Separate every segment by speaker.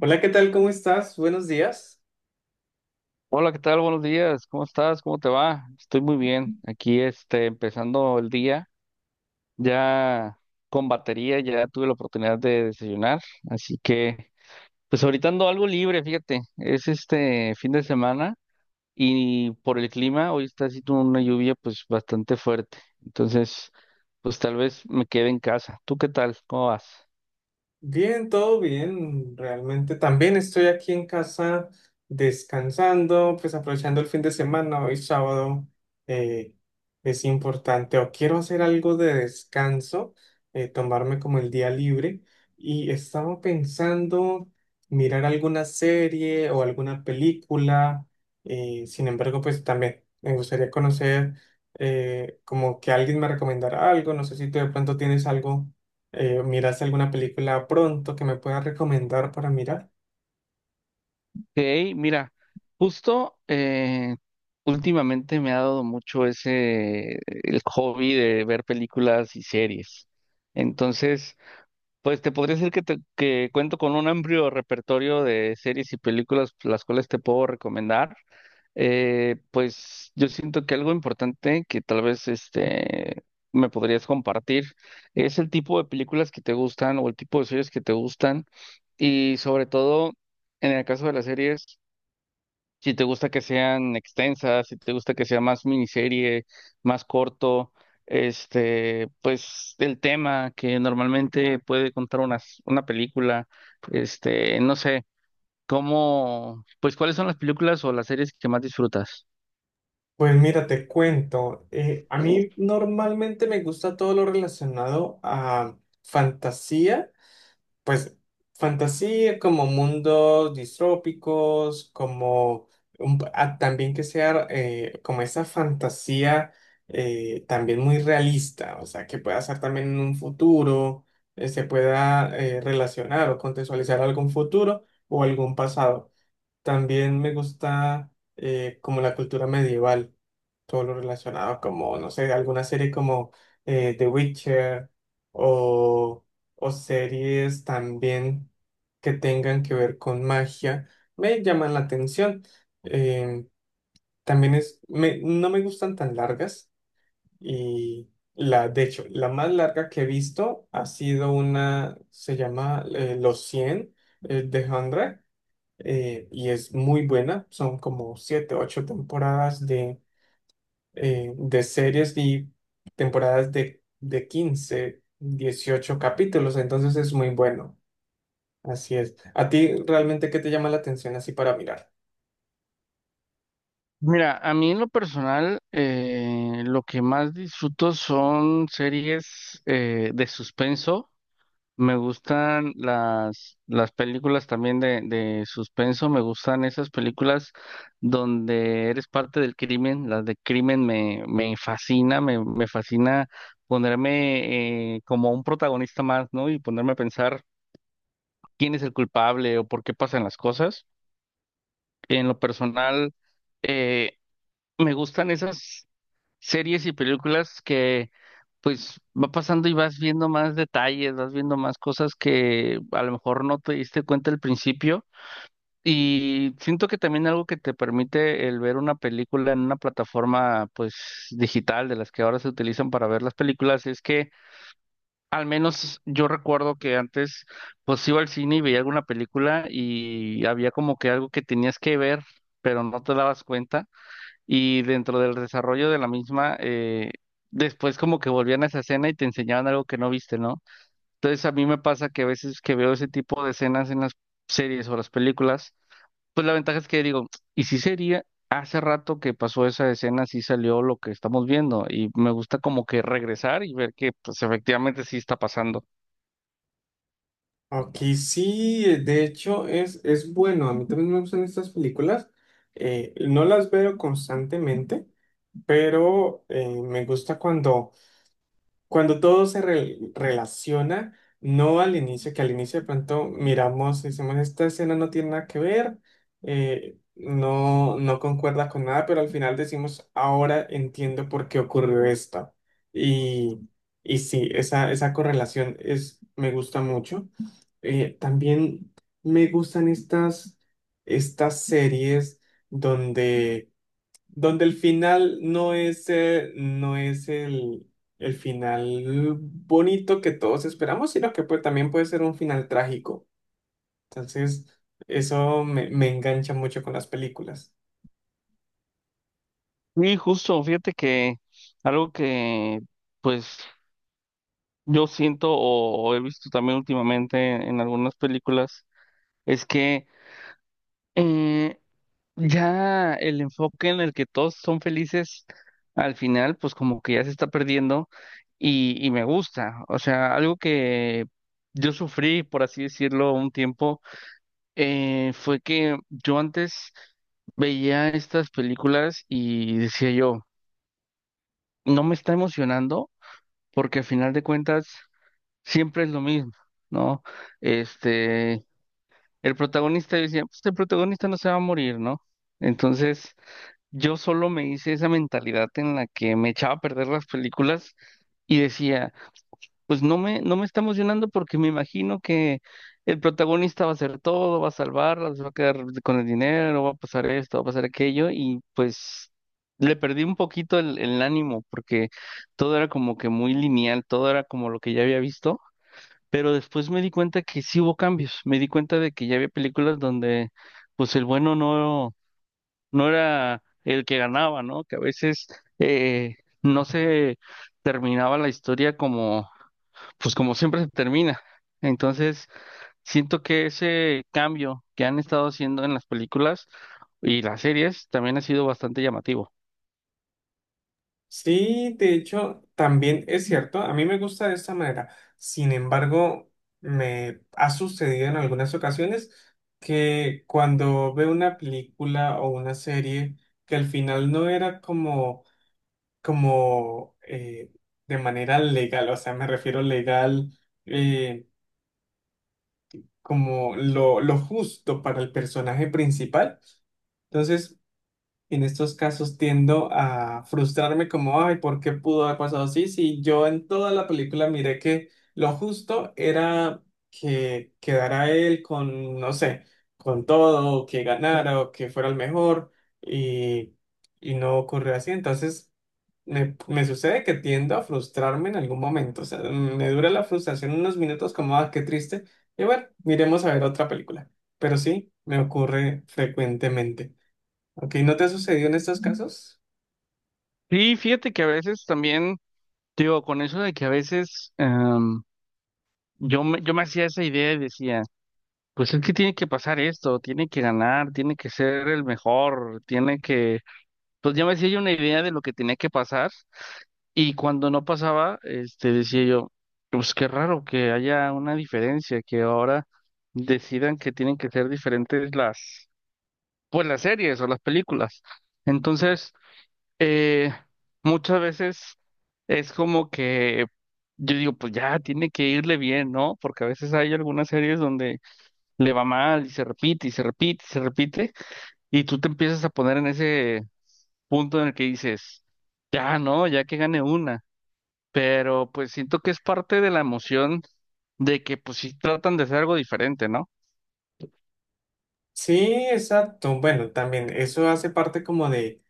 Speaker 1: Hola, ¿qué tal? ¿Cómo estás? Buenos días.
Speaker 2: Hola, ¿qué tal? Buenos días. ¿Cómo estás? ¿Cómo te va? Estoy muy bien. Aquí, empezando el día, ya con batería, ya tuve la oportunidad de desayunar, así que, pues ahorita ando algo libre, fíjate. Es este fin de semana y por el clima, hoy está haciendo una lluvia, pues bastante fuerte. Entonces, pues tal vez me quede en casa. ¿Tú qué tal? ¿Cómo vas?
Speaker 1: Bien, todo bien, realmente también estoy aquí en casa descansando, pues aprovechando el fin de semana, hoy sábado, eh, es importante o quiero hacer algo de descanso, tomarme como el día libre y estaba pensando mirar alguna serie o alguna película. Sin embargo, pues también me gustaría conocer, como que alguien me recomendara algo. No sé si tú de pronto tienes algo. ¿Miraste alguna película pronto que me puedas recomendar para mirar?
Speaker 2: Ok, mira, justo últimamente me ha dado mucho ese el hobby de ver películas y series. Entonces, pues te podría decir que que cuento con un amplio repertorio de series y películas las cuales te puedo recomendar. Pues yo siento que algo importante que tal vez este me podrías compartir es el tipo de películas que te gustan o el tipo de series que te gustan. Y sobre todo, en el caso de las series, si te gusta que sean extensas, si te gusta que sea más miniserie, más corto, este, pues el tema que normalmente puede contar una película, este, no sé, cómo, pues cuáles son las películas o las series que más disfrutas.
Speaker 1: Pues mira, te cuento. A mí normalmente me gusta todo lo relacionado a fantasía, pues fantasía como mundos distrópicos, como un también que sea, como esa fantasía, también muy realista, o sea, que pueda ser también en un futuro, se pueda relacionar o contextualizar algún futuro o algún pasado. También me gusta, como la cultura medieval, todo lo relacionado como, no sé, alguna serie como The Witcher, o, o series también que tengan que ver con magia, me llaman la atención. Eh, También es, no me gustan tan largas y la, de hecho, la más larga que he visto ha sido una, se llama Los cien, The 100, y es muy buena. Son como siete, ocho temporadas de series y temporadas de 15 18 capítulos. Entonces es muy bueno. Así es. ¿A ti realmente qué te llama la atención así para mirar?
Speaker 2: Mira, a mí en lo personal, lo que más disfruto son series de suspenso. Me gustan las películas también de suspenso, me gustan esas películas donde eres parte del crimen, las de crimen me fascina, me fascina ponerme como un protagonista más, ¿no? Y ponerme a pensar quién es el culpable o por qué pasan las cosas. En lo personal, eh, me gustan esas series y películas que pues va pasando y vas viendo más detalles, vas viendo más cosas que a lo mejor no te diste cuenta al principio. Y siento que también algo que te permite el ver una película en una plataforma pues digital de las que ahora se utilizan para ver las películas es que al menos yo recuerdo que antes pues iba al cine y veía alguna película y había como que algo que tenías que ver, pero no te dabas cuenta y dentro del desarrollo de la misma, después como que volvían a esa escena y te enseñaban algo que no viste, ¿no? Entonces a mí me pasa que a veces que veo ese tipo de escenas en las series o las películas, pues la ventaja es que digo, ¿y si sería? Hace rato que pasó esa escena, sí salió lo que estamos viendo y me gusta como que regresar y ver que pues efectivamente sí está pasando.
Speaker 1: Ok, sí, de hecho es bueno. A mí también me gustan estas películas. No las veo constantemente, pero me gusta cuando, cuando todo relaciona, no al inicio, que al inicio de pronto miramos y decimos, esta escena no tiene nada que ver, no, no concuerda con nada, pero al final decimos, ahora entiendo por qué ocurrió esto. Y, y sí, esa correlación es, me gusta mucho. También me gustan estas, estas series donde el final no es, no es el final bonito que todos esperamos, sino que, pues, también puede ser un final trágico. Entonces, eso me, me engancha mucho con las películas.
Speaker 2: Y justo, fíjate que algo que pues yo siento o he visto también últimamente en algunas películas es que eh, ya el enfoque en el que todos son felices al final, pues como que ya se está perdiendo y me gusta. O sea, algo que yo sufrí, por así decirlo, un tiempo, fue que yo antes veía estas películas y decía yo, no me está emocionando porque al final de cuentas siempre es lo mismo, ¿no? Este, el protagonista decía, pues el protagonista no se va a morir, ¿no? Entonces, yo solo me hice esa mentalidad en la que me echaba a perder las películas y decía, pues no me está emocionando porque me imagino que el protagonista va a hacer todo, va a salvarlas, va a quedar con el dinero, va a pasar esto, va a pasar aquello y pues le perdí un poquito el ánimo porque todo era como que muy lineal, todo era como lo que ya había visto, pero después me di cuenta que sí hubo cambios, me di cuenta de que ya había películas donde pues el bueno no era el que ganaba, ¿no? Que a veces eh, no se terminaba la historia como, pues como siempre se termina. Entonces, siento que ese cambio que han estado haciendo en las películas y las series también ha sido bastante llamativo.
Speaker 1: Sí, de hecho, también es cierto, a mí me gusta de esta manera. Sin embargo, me ha sucedido en algunas ocasiones que cuando veo una película o una serie que al final no era como, como, de manera legal, o sea, me refiero legal, eh, como lo justo para el personaje principal. Entonces en estos casos tiendo a frustrarme como, ay, ¿por qué pudo haber pasado así? Si yo en toda la película miré que lo justo era que quedara él con, no sé, con todo, o que ganara o que fuera el mejor y, y no ocurrió así. Entonces me sucede que tiendo a frustrarme en algún momento. O sea, me dura la frustración unos minutos como, ah, qué triste. Y bueno, miremos a ver otra película. Pero sí, me ocurre frecuentemente. Ok, ¿no te ha sucedido en estos casos?
Speaker 2: Sí, fíjate que a veces también, digo, con eso de que a veces yo me hacía esa idea y decía, pues es que tiene que pasar esto, tiene que ganar, tiene que ser el mejor, tiene que. Pues ya me hacía yo una idea de lo que tenía que pasar y cuando no pasaba, este, decía yo, pues qué raro que haya una diferencia, que ahora decidan que tienen que ser diferentes pues las series o las películas. Entonces, eh, muchas veces es como que yo digo, pues ya tiene que irle bien, ¿no? Porque a veces hay algunas series donde le va mal y se repite y se repite y se repite y tú te empiezas a poner en ese punto en el que dices, ya no, ya que gane una, pero pues siento que es parte de la emoción de que pues sí tratan de hacer algo diferente, ¿no?
Speaker 1: Sí, exacto. Bueno, también eso hace parte como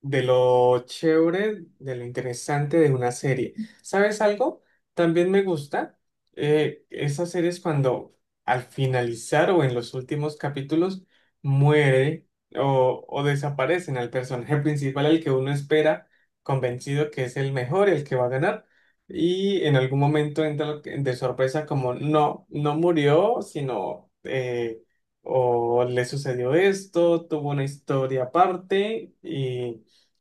Speaker 1: de lo chévere, de lo interesante de una serie. ¿Sabes algo? También me gusta, esas series cuando al finalizar o en los últimos capítulos muere o desaparecen al personaje principal, al que uno espera convencido que es el mejor, el que va a ganar. Y en algún momento entra de sorpresa como no, no murió, sino, o le sucedió esto, tuvo una historia aparte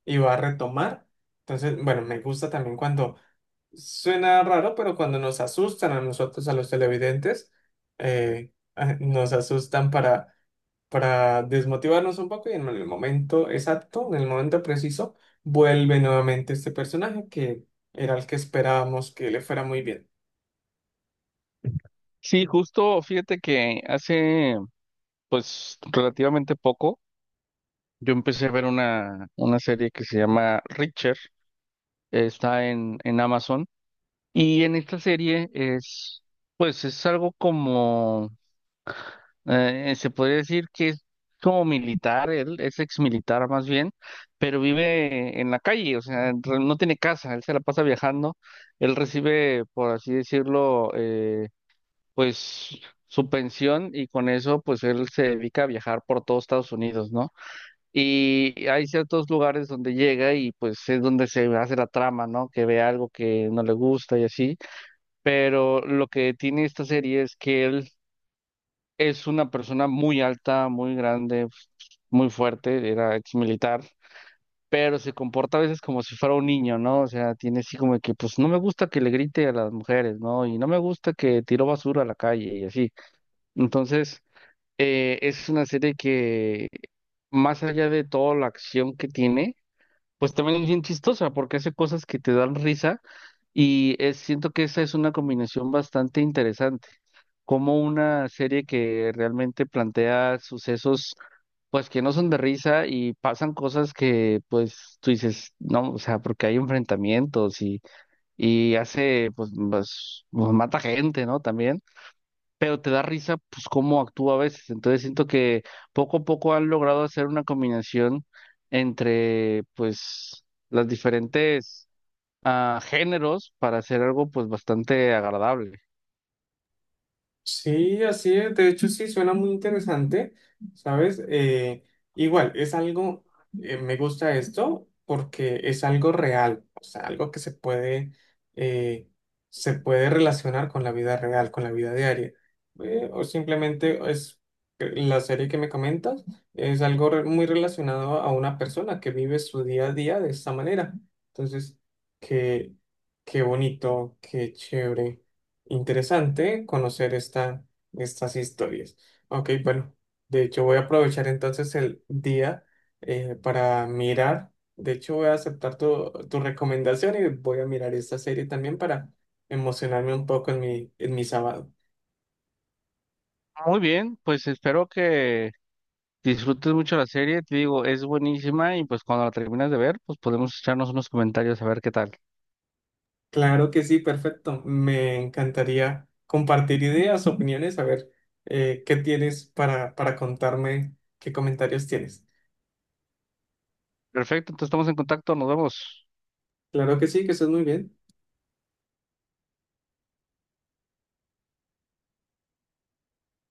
Speaker 1: y va a retomar. Entonces, bueno, me gusta también cuando suena raro, pero cuando nos asustan a nosotros, a los televidentes, ah, nos asustan para desmotivarnos un poco y en el momento exacto, en el momento preciso, vuelve nuevamente este personaje que era el que esperábamos que le fuera muy bien.
Speaker 2: Sí, justo, fíjate que hace pues relativamente poco yo empecé a ver una serie que se llama Reacher, está en Amazon y en esta serie es pues es algo como. Se podría decir que es como militar, él es ex militar más bien, pero vive en la calle, o sea, en re- no tiene casa, él se la pasa viajando, él recibe, por así decirlo, pues su pensión y con eso pues él se dedica a viajar por todo Estados Unidos, ¿no? Y hay ciertos lugares donde llega y pues es donde se hace la trama, ¿no? Que ve algo que no le gusta y así, pero lo que tiene esta serie es que él es una persona muy alta, muy grande, muy fuerte, era ex militar, pero se comporta a veces como si fuera un niño, ¿no? O sea, tiene así como que, pues no me gusta que le grite a las mujeres, ¿no? Y no me gusta que tiró basura a la calle y así. Entonces, es una serie que, más allá de toda la acción que tiene, pues también es bien chistosa porque hace cosas que te dan risa y siento que esa es una combinación bastante interesante como una serie que realmente plantea sucesos, pues que no son de risa y pasan cosas que, pues tú dices, no, o sea, porque hay enfrentamientos y hace, pues, mata gente, ¿no? También, pero te da risa, pues, cómo actúa a veces. Entonces siento que poco a poco han logrado hacer una combinación entre, pues, las diferentes géneros para hacer algo, pues, bastante agradable.
Speaker 1: Sí, así es. De hecho, sí, suena muy interesante, ¿sabes? Igual, es algo, me gusta esto porque es algo real, o sea, algo que eh, se puede relacionar con la vida real, con la vida diaria. O simplemente es, la serie que me comentas, es algo muy relacionado a una persona que vive su día a día de esta manera. Entonces, qué, qué bonito, qué chévere. Interesante conocer esta, estas historias. Ok, bueno, de hecho voy a aprovechar entonces el día, para mirar. De hecho voy a aceptar tu, tu recomendación y voy a mirar esta serie también para emocionarme un poco en mi sábado.
Speaker 2: Muy bien, pues espero que disfrutes mucho la serie, te digo, es buenísima y pues cuando la termines de ver, pues podemos echarnos unos comentarios a ver qué tal.
Speaker 1: Claro que sí, perfecto. Me encantaría compartir ideas, opiniones, a ver, qué tienes para contarme, qué comentarios tienes.
Speaker 2: Perfecto, entonces estamos en contacto, nos vemos.
Speaker 1: Claro que sí, que estés muy bien.